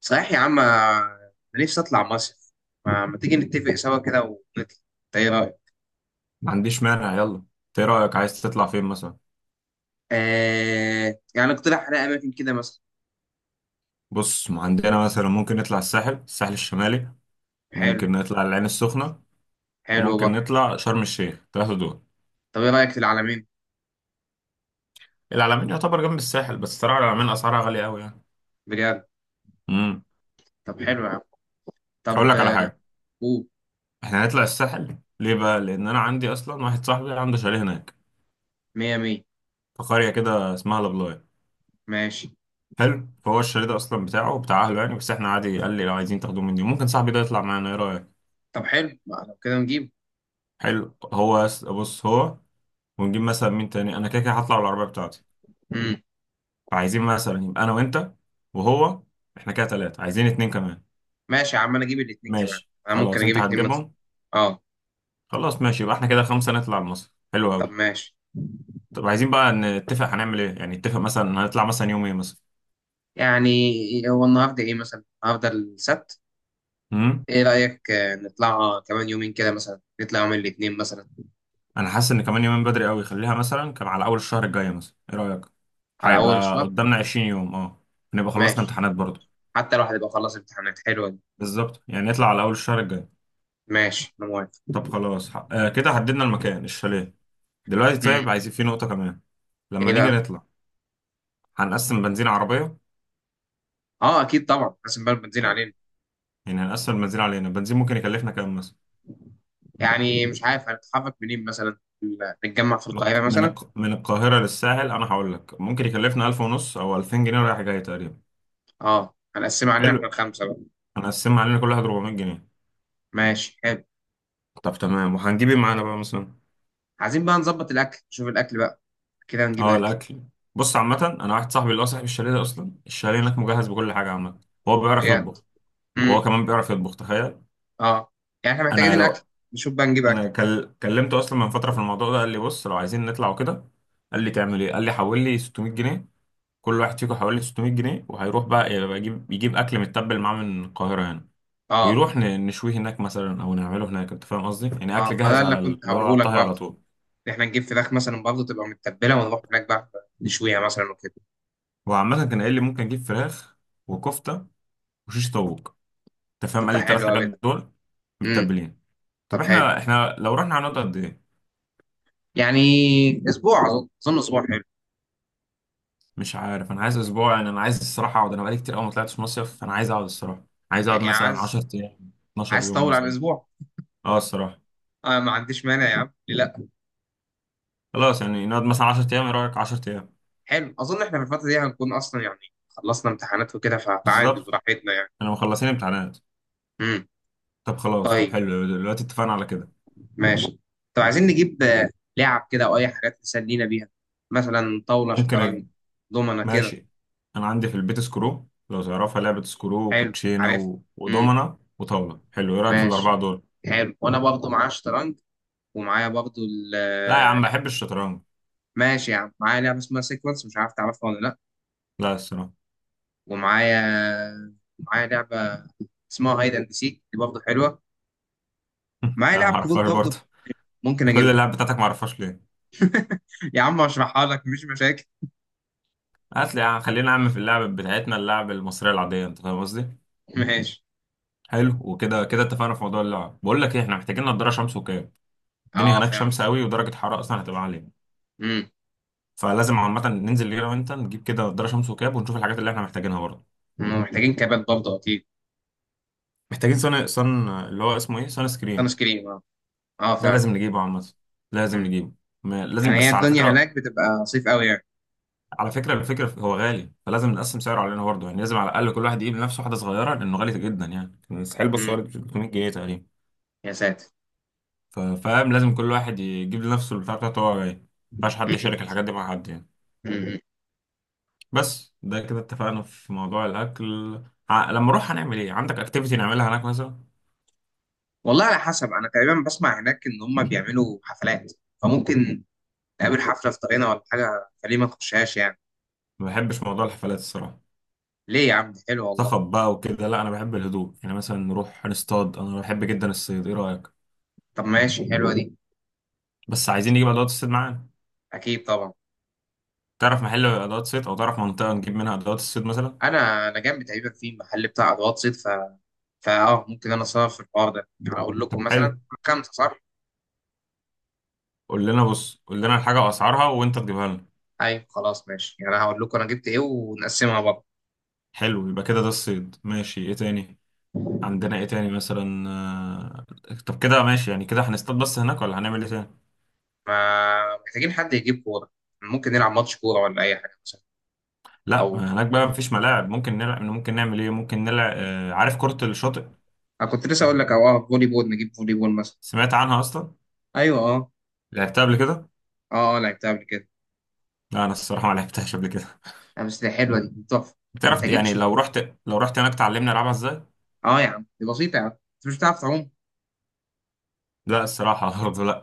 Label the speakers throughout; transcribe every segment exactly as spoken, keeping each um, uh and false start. Speaker 1: صحيح يا عم، انا نفسي اطلع مصيف. ما, ما تيجي نتفق سوا كده ونطلع؟ إنت ايه رايك؟
Speaker 2: ما عنديش مانع. يلا، انت ايه رأيك؟ عايز تطلع فين مثلا؟
Speaker 1: آه، يعني اقترح على اماكن كده مثلا.
Speaker 2: بص، ما عندنا مثلا ممكن نطلع الساحل الساحل الشمالي.
Speaker 1: حلو.
Speaker 2: ممكن نطلع العين السخنة.
Speaker 1: حلو
Speaker 2: وممكن
Speaker 1: برضه.
Speaker 2: نطلع شرم الشيخ، ثلاثة دول.
Speaker 1: طب ايه رايك في العلمين؟
Speaker 2: العلمين يعتبر جنب الساحل، بس ترى العلمين اسعارها غالية قوي يعني.
Speaker 1: بجد؟
Speaker 2: امم.
Speaker 1: طب حلو يا عم. طب
Speaker 2: هقول لك على
Speaker 1: آه،
Speaker 2: حاجة.
Speaker 1: قول.
Speaker 2: احنا هنطلع الساحل ليه بقى؟ لان انا عندي اصلا واحد صاحبي عنده شاليه هناك
Speaker 1: مية مية.
Speaker 2: في قرية كده اسمها لابلاي.
Speaker 1: ماشي.
Speaker 2: حلو، فهو الشاليه ده اصلا بتاعه بتاع اهله يعني، بس احنا عادي، قال لي لو عايزين تاخدوه مني ممكن صاحبي ده يطلع معانا، ايه رأيك؟
Speaker 1: طب حلو، ما لو كده نجيب.
Speaker 2: حلو، هو يس- بص هو. ونجيب مثلا مين تاني؟ انا كده كده هطلع بالعربيه بتاعتي.
Speaker 1: مم.
Speaker 2: فعايزين مثلا يبقى انا وانت وهو. احنا كده ثلاثه، عايزين اتنين كمان.
Speaker 1: ماشي يا عم، انا اجيب الاتنين كمان.
Speaker 2: ماشي
Speaker 1: انا ممكن
Speaker 2: خلاص
Speaker 1: اجيب
Speaker 2: انت
Speaker 1: اتنين مثلا.
Speaker 2: هتجيبهم.
Speaker 1: اه.
Speaker 2: خلاص ماشي يبقى احنا كده خمسه نطلع مصر، حلو
Speaker 1: طب
Speaker 2: قوي.
Speaker 1: ماشي.
Speaker 2: طب عايزين بقى نتفق هنعمل ايه، يعني نتفق مثلا هنطلع مثلا يوم ايه مثلا.
Speaker 1: يعني هو النهارده ايه مثلا؟ النهارده السبت.
Speaker 2: امم.
Speaker 1: ايه رايك آه، نطلع كمان يومين كده مثلا، نطلع يوم الاثنين مثلا؟
Speaker 2: انا حاسس ان كمان يومين بدري قوي. خليها مثلا كان على اول الشهر الجاي مثلا، ايه رايك؟
Speaker 1: على اول
Speaker 2: هيبقى
Speaker 1: الشهر.
Speaker 2: قدامنا 20 يوم، اه. نبقى خلصنا
Speaker 1: ماشي.
Speaker 2: امتحانات برضه.
Speaker 1: حتى الواحد يبقى خلص امتحانات، حلوه دي.
Speaker 2: بالظبط، يعني نطلع على اول الشهر الجاي.
Speaker 1: ماشي انا موافق.
Speaker 2: طب خلاص ح- آه كده حددنا المكان، الشاليه. دلوقتي
Speaker 1: امم.
Speaker 2: طيب عايزين في نقطة كمان. لما
Speaker 1: ايه
Speaker 2: نيجي
Speaker 1: بقى؟
Speaker 2: نطلع هنقسم بنزين عربية.
Speaker 1: اه اكيد طبعا، حاسس بقى بنزين
Speaker 2: يعني
Speaker 1: علينا.
Speaker 2: يعني هنقسم البنزين علينا. البنزين ممكن يكلفنا كام مثلا؟
Speaker 1: يعني مش عارف هنتحرك منين مثلا، ال- نتجمع في
Speaker 2: من
Speaker 1: القاهره
Speaker 2: من
Speaker 1: مثلا.
Speaker 2: الق- من القاهرة للساحل أنا هقول لك ممكن يكلفنا ألف ونص أو ألفين جنيه رايح جاي تقريبا.
Speaker 1: اه هنقسمها علينا احنا
Speaker 2: حلو.
Speaker 1: الخمسه بقى.
Speaker 2: هنقسمها علينا، كل واحد أربعمائة جنيه.
Speaker 1: ماشي حلو.
Speaker 2: طب تمام، وهنجيب ايه معانا بقى مثلا؟
Speaker 1: عايزين بقى نظبط الاكل، نشوف الاكل بقى. كده هنجيب
Speaker 2: اه،
Speaker 1: اكل.
Speaker 2: الأكل. بص، عامة أنا واحد صاحبي اللي هو صاحب الشاليه ده أصلا، الشاليه هناك مجهز بكل حاجة عامة. هو بيعرف
Speaker 1: بجد.
Speaker 2: يطبخ. وهو
Speaker 1: امم.
Speaker 2: كمان بيعرف يطبخ، تخيل.
Speaker 1: اه يعني احنا محتاجين
Speaker 2: أنا
Speaker 1: الاكل.
Speaker 2: لو.
Speaker 1: نشوف بقى نجيب اكل.
Speaker 2: انا كل... كلمته اصلا من فتره في الموضوع ده، قال لي بص لو عايزين نطلع وكده. قال لي تعمل ايه؟ قال لي حول لي ستمائة جنيه. كل واحد فيكم حول لي ستمية جنيه وهيروح بقى، يبقى يجيب يجيب اكل متبل معاه من القاهره يعني.
Speaker 1: اه
Speaker 2: ويروح ن... نشويه هناك مثلا او نعمله هناك، انت فاهم قصدي، يعني اكل
Speaker 1: اه، ما ده
Speaker 2: جاهز
Speaker 1: اللي
Speaker 2: على ال-
Speaker 1: كنت
Speaker 2: اللي هو
Speaker 1: هقوله
Speaker 2: على
Speaker 1: لك
Speaker 2: الطهي على
Speaker 1: برضه.
Speaker 2: طول.
Speaker 1: إن احنا نجيب فراخ مثلا برضه تبقى متبله ونروح هناك بقى. نشويها مثلا وكده.
Speaker 2: هو عامه كان قايل لي ممكن اجيب فراخ وكفته وشيش طاووق، انت فاهم،
Speaker 1: طب
Speaker 2: قال
Speaker 1: ده
Speaker 2: لي الثلاث
Speaker 1: حلو
Speaker 2: حاجات
Speaker 1: قوي ده.
Speaker 2: دول
Speaker 1: امم.
Speaker 2: متبلين. طب
Speaker 1: طب حلو.
Speaker 2: احنا احنا لو رحنا هنقعد قد ايه؟
Speaker 1: يعني اسبوع، اظن اظن اسبوع حلو.
Speaker 2: مش عارف، انا عايز اسبوع يعني. انا عايز الصراحه اقعد، انا بقالي كتير قوي ما طلعتش مصيف، فانا عايز اقعد الصراحه. عايز اقعد
Speaker 1: يعني
Speaker 2: مثلا
Speaker 1: عايز،
Speaker 2: 10 ايام، 12
Speaker 1: عايز
Speaker 2: يوم
Speaker 1: تطول عن
Speaker 2: مثلا.
Speaker 1: اسبوع.
Speaker 2: اه الصراحه.
Speaker 1: آه، ما عنديش مانع يا عم، ليه لا.
Speaker 2: خلاص، يعني نقعد مثلا 10 ايام، ايه رايك؟ 10 ايام.
Speaker 1: حلو، اظن احنا في الفتره دي هنكون اصلا يعني خلصنا امتحانات وكده، فعادي
Speaker 2: بالظبط.
Speaker 1: براحتنا يعني.
Speaker 2: انا مخلصين امتحانات.
Speaker 1: امم.
Speaker 2: طب خلاص، طب
Speaker 1: طيب.
Speaker 2: حلو، دلوقتي اتفقنا على كده.
Speaker 1: ماشي. طب عايزين نجيب آه، لعب كده او اي حاجات نسلينا بيها. مثلا طاوله،
Speaker 2: ممكن
Speaker 1: شطرنج،
Speaker 2: أج...
Speaker 1: دومنه كده.
Speaker 2: ماشي. انا عندي في البيت سكرو، لو تعرفها لعبه سكرو،
Speaker 1: حلو
Speaker 2: وكوتشينه
Speaker 1: عارف.
Speaker 2: و...
Speaker 1: امم.
Speaker 2: ودومنه وطاوله، حلو، ايه رايك في
Speaker 1: ماشي.
Speaker 2: الاربعه دول؟
Speaker 1: حلو، وانا برضه معايا شطرنج. ومعايا برضه ال-
Speaker 2: لا يا
Speaker 1: آه،
Speaker 2: عم،
Speaker 1: لعبة.
Speaker 2: بحب الشطرنج.
Speaker 1: ماشي يا عم، معايا لعبه اسمها سيكونس، مش عارف تعرفها ولا لا.
Speaker 2: لا الصراحه
Speaker 1: ومعايا، معايا لعبة اسمها هايد اند سيك، دي برضه حلوة. معايا
Speaker 2: لا، ما
Speaker 1: لعب كروت
Speaker 2: اعرفهاش
Speaker 1: برضه،
Speaker 2: برضه.
Speaker 1: ممكن
Speaker 2: أنت كل
Speaker 1: اجيبها.
Speaker 2: اللعب بتاعتك ما اعرفهاش ليه؟
Speaker 1: يا عم اشرحها لك، مفيش مشاكل.
Speaker 2: هات لي يا عم، خلينا عم في اللعب بتاعتنا، اللعب المصرية العادية، انت فاهم قصدي؟
Speaker 1: ماشي.
Speaker 2: حلو، وكده كده اتفقنا في موضوع اللعب. بقول لك ايه، احنا محتاجين نضارة شمس وكاب. الدنيا
Speaker 1: اه
Speaker 2: هناك
Speaker 1: فعلا.
Speaker 2: شمس قوي ودرجة حرارة اصلا هتبقى عالية.
Speaker 1: امم.
Speaker 2: فلازم عامة ننزل انا وانت، نجيب كده نضارة شمس وكاب، ونشوف الحاجات اللي احنا محتاجينها برضه.
Speaker 1: هم محتاجين كابات برضه اكيد.
Speaker 2: محتاجين صن صن اللي هو اسمه ايه؟ صن
Speaker 1: سان
Speaker 2: سكرين.
Speaker 1: سكرين اه. اه
Speaker 2: ده
Speaker 1: فعلا.
Speaker 2: لازم نجيبه عامة. لازم
Speaker 1: امم.
Speaker 2: نجيبه. ما...
Speaker 1: يعني
Speaker 2: لازم،
Speaker 1: هي
Speaker 2: بس على
Speaker 1: الدنيا
Speaker 2: فكرة.
Speaker 1: هناك بتبقى صيف قوي يعني.
Speaker 2: على فكرة الفكرة هو غالي، فلازم نقسم سعره علينا برضه يعني. لازم على الأقل كل واحد يجيب لنفسه واحدة صغيرة، لأنه غالي جدا يعني مستحيل. بص هو
Speaker 1: امم.
Speaker 2: ثلاثمية جنيه تقريبا.
Speaker 1: يا ساتر.
Speaker 2: ف- فاهم، لازم كل واحد يجيب لنفسه البتاع بتاعته هو جاي. مينفعش حد
Speaker 1: مم.
Speaker 2: يشارك الحاجات دي مع حد يعني.
Speaker 1: مم.
Speaker 2: بس ده كده اتفقنا في موضوع الأكل. ع- لما أروح هنعمل إيه؟ عندك أكتيفيتي نعملها هناك مثلا؟
Speaker 1: والله على حسب، انا تقريبا بسمع هناك ان هم بيعملوا حفلات، فممكن نقابل حفلة في طريقنا ولا حاجة، فليه ما نخشهاش يعني.
Speaker 2: ما بحبش موضوع الحفلات الصراحة.
Speaker 1: ليه يا عم، دي حلوة والله.
Speaker 2: صخب بقى وكده، لا أنا بحب الهدوء يعني. مثلا نروح نصطاد، أنا بحب جدا الصيد، إيه رأيك؟
Speaker 1: طب ماشي حلوة دي.
Speaker 2: بس عايزين نجيب أدوات الصيد معانا.
Speaker 1: اكيد طبعا.
Speaker 2: تعرف محل أدوات صيد أو تعرف منطقة نجيب منها أدوات الصيد مثلا؟
Speaker 1: انا انا جنبي تقريبا في محل بتاع ادوات صيد ف... فاه ممكن انا اصرف في الحوار ده يعني، هقول
Speaker 2: طب
Speaker 1: لكم مثلا.
Speaker 2: حلو،
Speaker 1: خمسه صح.
Speaker 2: قول لنا بص، قول لنا الحاجة وأسعارها وأنت تجيبها لنا.
Speaker 1: ايوه خلاص ماشي، يعني انا هقول لكم انا جبت ايه ونقسمها برضه.
Speaker 2: حلو يبقى كده، ده الصيد ماشي. إيه تاني؟ عندنا ايه تاني مثلا؟ آه، طب كده ماشي يعني، كده هنصطاد بس هناك ولا هنعمل ايه تاني؟
Speaker 1: ما محتاجين حد يجيب كوره، ممكن نلعب ماتش كوره ولا اي حاجه مثلا.
Speaker 2: لا،
Speaker 1: او
Speaker 2: هناك بقى مفيش ملاعب. ممكن نلعب، ممكن نعمل ايه؟ ممكن نلعب، آه، عارف كرة الشاطئ.
Speaker 1: انا كنت لسه اقول لك، او اه فولي بول، نجيب فولي بول مثلا.
Speaker 2: سمعت عنها اصلا.
Speaker 1: ايوه اه.
Speaker 2: لعبتها قبل كده.
Speaker 1: اه اه لعبتها قبل كده.
Speaker 2: لا انا الصراحة ما لعبتهاش قبل كده
Speaker 1: آه، بس دي حلوه، دي تحفه.
Speaker 2: بتعرف
Speaker 1: محتاجين
Speaker 2: يعني
Speaker 1: ش...
Speaker 2: لو رحت لو رحت هناك تعلمني العبها ازاي.
Speaker 1: اه يا عم، دي بسيطه يا عم. انت مش بتعرف تعوم؟
Speaker 2: لا الصراحة برضه لا.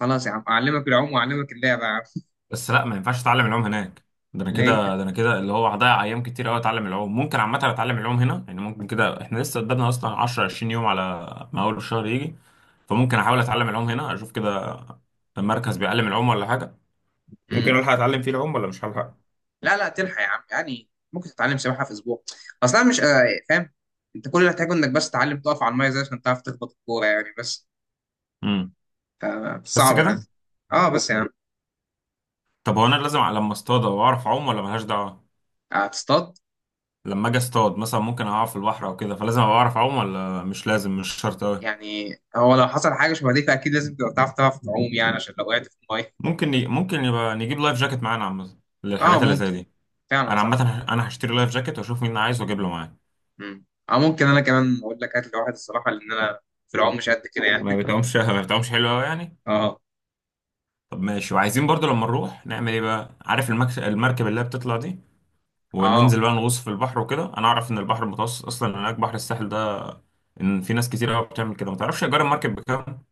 Speaker 1: خلاص يا عم اعلمك العوم واعلمك اللعبه يا عم.
Speaker 2: بس لا، ما ينفعش اتعلم العوم هناك. ده انا
Speaker 1: ليه؟
Speaker 2: كده ده انا كده اللي هو هضيع ايام كتير قوي اتعلم العوم. ممكن عامه اتعلم العوم هنا يعني. ممكن كده احنا لسه قدامنا اصلا عشر عشرين يوم على ما اول الشهر يجي. فممكن احاول اتعلم العوم هنا، اشوف كده مركز بيعلم العوم ولا حاجه. ممكن الحق اتعلم فيه العوم ولا مش هلحق؟
Speaker 1: لا لا، تلحق يا عم، يعني ممكن تتعلم سباحه في اسبوع. اصلا مش آه، فاهم. انت كل اللي هتحتاجه انك بس تتعلم تقف على الميه زي، عشان تعرف تخبط الكوره يعني بس.
Speaker 2: امم.
Speaker 1: آه،
Speaker 2: بس
Speaker 1: صعب يعني.
Speaker 2: كده.
Speaker 1: اه بس يعني.
Speaker 2: طب هو انا لازم أ- لما اصطاد واعرف اعوم ولا ملهاش دعوه؟
Speaker 1: هتصطاد.
Speaker 2: لما اجي اصطاد مثلا ممكن اقع في البحر او كده، فلازم ابقى اعرف اعوم ولا مش لازم؟ مش شرط قوي.
Speaker 1: يعني هو لو حصل حاجه شبه دي فاكيد لازم تبقى بتعرف، تعرف تعوم يعني، عشان لو وقعت في الميه.
Speaker 2: ممكن ي... ممكن يبقى نجيب لايف جاكيت معانا عامه
Speaker 1: اه
Speaker 2: للحاجات اللي زي
Speaker 1: ممكن،
Speaker 2: دي.
Speaker 1: فعلا
Speaker 2: انا عامه
Speaker 1: صح.
Speaker 2: هش- انا هشتري لايف جاكيت واشوف مين عايز واجيب له معايا.
Speaker 1: مم. اه ممكن انا كمان اقول لك هات لي واحد الصراحه، لان انا في العوم مش قد كده يعني.
Speaker 2: ما بتعومش ما بتعومش، حلو قوي يعني.
Speaker 1: اه.
Speaker 2: طب ماشي، وعايزين برضو لما نروح نعمل ايه بقى؟ عارف المكس... المركب اللي هي بتطلع دي،
Speaker 1: اه
Speaker 2: وننزل بقى نغوص في البحر وكده. انا اعرف ان البحر المتوسط اصلا هناك بحر الساحل ده، ان في ناس كتير قوي بتعمل كده. ما تعرفش ايجار المركب بكام؟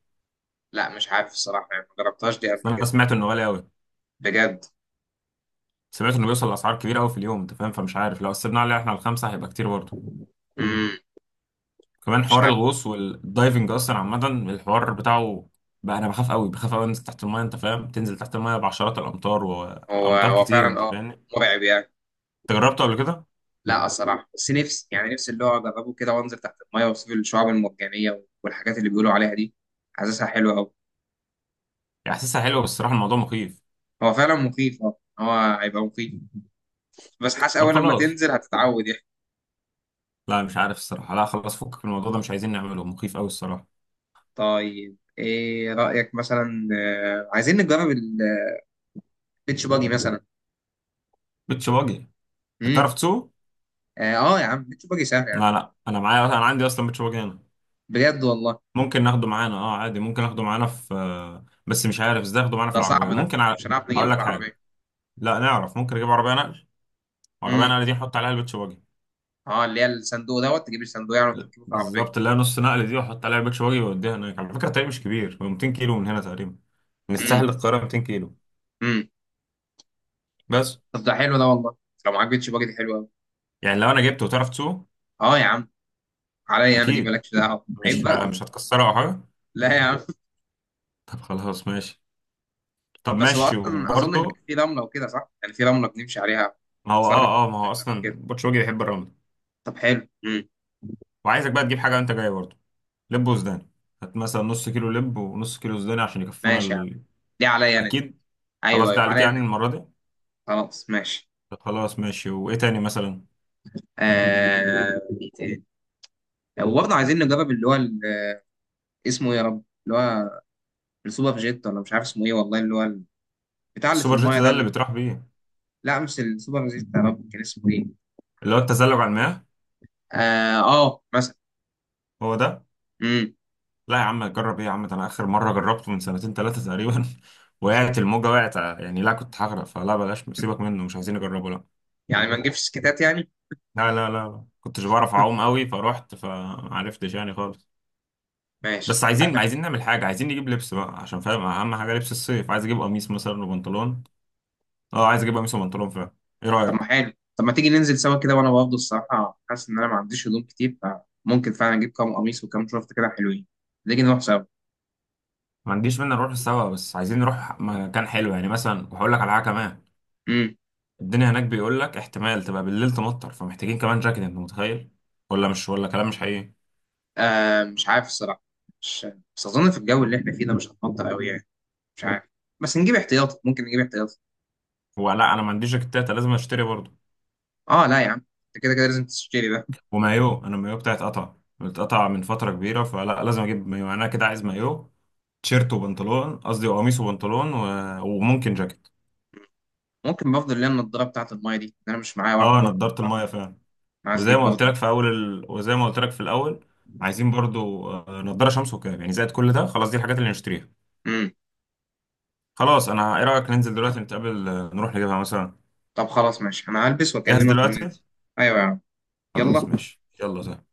Speaker 1: لا مش عارف الصراحه، يعني ما جربتهاش دي قبل
Speaker 2: بس انا
Speaker 1: كده.
Speaker 2: سمعت انه غالي قوي.
Speaker 1: بجد؟
Speaker 2: سمعت انه بيوصل لاسعار كبيره قوي في اليوم، انت فاهم، فمش عارف لو قسمنا عليه احنا الخمسه هيبقى كتير برضه.
Speaker 1: مم.
Speaker 2: كمان
Speaker 1: مش
Speaker 2: حوار
Speaker 1: عارف.
Speaker 2: الغوص والدايفنج اصلا، عامه الحوار بتاعه بقى انا بخاف قوي، بخاف قوي انزل تحت المايه. انت فاهم، تنزل تحت المايه بعشرات الامتار
Speaker 1: هو
Speaker 2: وامتار
Speaker 1: هو
Speaker 2: كتير،
Speaker 1: فعلا
Speaker 2: انت
Speaker 1: اه،
Speaker 2: فاهم انت.
Speaker 1: مرعب يعني.
Speaker 2: جربته قبل كده.
Speaker 1: لا الصراحه، بس نفسي يعني، نفسي اللي هو اجربه كده وانزل تحت المايه واشوف الشعاب المرجانيه والحاجات اللي بيقولوا عليها دي، حاسسها حلوه قوي.
Speaker 2: يعني احساسها حلو بس الصراحه الموضوع مخيف.
Speaker 1: هو فعلا مخيف اه، هو هيبقى مخيف، بس حاسس
Speaker 2: طب
Speaker 1: اول لما
Speaker 2: خلاص.
Speaker 1: تنزل هتتعود يعني.
Speaker 2: لا مش عارف الصراحه، لا خلاص، فكك من الموضوع ده، مش عايزين نعمله، مخيف قوي الصراحه.
Speaker 1: طيب ايه رايك مثلا آه، عايزين نجرب البيتش باجي مثلا؟
Speaker 2: بيتش باجي. انت
Speaker 1: امم.
Speaker 2: بتعرف تسوق؟
Speaker 1: اه. آه يا عم، بيتش باجي سهل يا عم.
Speaker 2: لا لا، انا معايا انا عندي اصلا بيتش باجي هنا.
Speaker 1: بجد والله؟
Speaker 2: ممكن ناخده معانا، اه عادي. ممكن ناخده معانا في آه، بس مش عارف ازاي ناخده معانا في
Speaker 1: ده صعب،
Speaker 2: العربيه
Speaker 1: ده
Speaker 2: ممكن ع...
Speaker 1: مش هنعرف نجيبه
Speaker 2: هقول
Speaker 1: في
Speaker 2: لك حاجه.
Speaker 1: العربيه.
Speaker 2: لا نعرف، ممكن نجيب عربيه نقل. عربية
Speaker 1: امم.
Speaker 2: نقل دي احط عليها البيتش باجي.
Speaker 1: اه، اللي هي الصندوق دوت، تجيب الصندوق يعني وتركبه في العربيه.
Speaker 2: بالظبط اللي هي نص نقل دي، واحط عليها البيتش باجي واوديها هناك. على فكرة الطريق مش كبير، هو 200 كيلو من هنا تقريبا، من الساحل
Speaker 1: امم.
Speaker 2: للقاهرة 200 كيلو
Speaker 1: امم.
Speaker 2: بس.
Speaker 1: طب ده حلو ده والله، لو معاك بيتش باجي دي حلوه قوي.
Speaker 2: يعني لو انا جبته وتعرف تسوقه.
Speaker 1: اه يا عم، عليا انا دي،
Speaker 2: اكيد.
Speaker 1: مالكش دعوه، عيب
Speaker 2: مش ه-
Speaker 1: بقى.
Speaker 2: مش هتكسره او حاجة.
Speaker 1: لا يا عم.
Speaker 2: طب خلاص ماشي. طب
Speaker 1: بس هو
Speaker 2: ماشي
Speaker 1: اصلا اظن
Speaker 2: وبرضه،
Speaker 1: هناك في رمله وكده صح؟ يعني في رمله بنمشي عليها.
Speaker 2: ما هو
Speaker 1: اصل انا ما
Speaker 2: اه اه ما هو
Speaker 1: كنتش قبل
Speaker 2: اصلا
Speaker 1: كده.
Speaker 2: البيتش باجي بيحب الرمل.
Speaker 1: طب حلو. امم.
Speaker 2: وعايزك بقى تجيب حاجة وانت جاي برضه، لب وسوداني. هات مثلا نص كيلو لب ونص كيلو سوداني عشان يكفونا
Speaker 1: ماشي يا عم،
Speaker 2: ال...
Speaker 1: دي عليا انا دي.
Speaker 2: اكيد. خلاص،
Speaker 1: ايوه
Speaker 2: ده
Speaker 1: ايوه،
Speaker 2: عليك
Speaker 1: عليا انا
Speaker 2: يعني
Speaker 1: دي.
Speaker 2: المرة دي.
Speaker 1: خلاص ماشي.
Speaker 2: طب خلاص ماشي، وايه تاني مثلا؟
Speaker 1: آه... إيه تاني؟ وبرضه عايزين نجرب اللي هو ال- اسمه ايه يا رب، اللي هو السوبر جيت ولا مش عارف اسمه ايه والله، اللي هو ال- بتاع اللي في
Speaker 2: السوبر جيت
Speaker 1: المايه
Speaker 2: ده
Speaker 1: ده،
Speaker 2: اللي
Speaker 1: ال-
Speaker 2: بتروح بيه؟
Speaker 1: لا مش السوبر جيت، يا رب كان اسمه ايه.
Speaker 2: اللي هو التزلج على المياه.
Speaker 1: اه, آه مثلا.
Speaker 2: هو ده.
Speaker 1: امم.
Speaker 2: لا يا عم، جرب ايه يا عم، ده انا اخر مره جربته من سنتين ثلاثه تقريبا وقعت الموجه، وقعت يعني، لا كنت هغرق فلا، بلاش سيبك منه، مش عايزين نجربه، لا.
Speaker 1: يعني ما نجيبش سكتات يعني.
Speaker 2: لا لا لا كنتش بعرف اعوم قوي فروحت فمعرفتش يعني خالص.
Speaker 1: ماشي.
Speaker 2: بس عايزين عايزين نعمل حاجه. عايزين نجيب لبس بقى عشان فاهم اهم حاجه لبس الصيف، عايز اجيب قميص مثلا وبنطلون. اه عايز اجيب قميص وبنطلون فعلا. ايه
Speaker 1: طب
Speaker 2: رايك؟
Speaker 1: ما حلو، طب ما تيجي ننزل سوا كده، وانا برضه الصراحه حاسس ان انا ما عنديش هدوم كتير، فممكن فعلا اجيب كام قميص وكام شورت كده حلوين. نيجي نروح سوا.
Speaker 2: ما عنديش مانع نروح سوا، بس عايزين نروح مكان حلو يعني مثلا. وهقول لك على حاجه كمان.
Speaker 1: امم.
Speaker 2: الدنيا هناك بيقول لك احتمال تبقى بالليل تمطر، فمحتاجين كمان جاكيت، انت متخيل ولا مش، ولا كلام مش حقيقي؟
Speaker 1: آه مش عارف الصراحه، مش، بس اظن في الجو اللي احنا فيه ده مش هتمطر قوي يعني، مش عارف. بس نجيب احتياطي، ممكن نجيب احتياطي.
Speaker 2: هو لا، انا ما عنديش جاكيتات، لازم اشتري برضه.
Speaker 1: اه لا يا عم، انت كده كده لازم تشتري ده.
Speaker 2: ومايو، انا المايو بتاعي اتقطع، اتقطع من فتره كبيره، فلا لازم اجيب مايو يعني، انا كده عايز مايو، تيشيرت وبنطلون، قصدي قميص وبنطلون و... وممكن جاكيت.
Speaker 1: ممكن بفضل اللي هي النضاره بتاعت المايه دي، انا مش معايا واحده
Speaker 2: اه
Speaker 1: برضه.
Speaker 2: نضاره المايه فعلا.
Speaker 1: أنا عايز
Speaker 2: وزي
Speaker 1: اجيب
Speaker 2: ما قلت
Speaker 1: برضه
Speaker 2: لك
Speaker 1: واحدة.
Speaker 2: في اول ال... وزي ما قلت لك في الاول، عايزين برضو آه، نضاره شمس وكاب، يعني زائد كل ده. خلاص دي الحاجات اللي نشتريها.
Speaker 1: امم.
Speaker 2: خلاص انا، ايه رايك ننزل دلوقتي نتقابل آه، نروح نجيبها مثلا؟
Speaker 1: طب خلاص ماشي، انا هلبس
Speaker 2: جاهز
Speaker 1: واكلمك
Speaker 2: دلوقتي.
Speaker 1: وننزل. ايوه يا عم.
Speaker 2: خلاص
Speaker 1: يلا.
Speaker 2: ماشي، يلا سلام.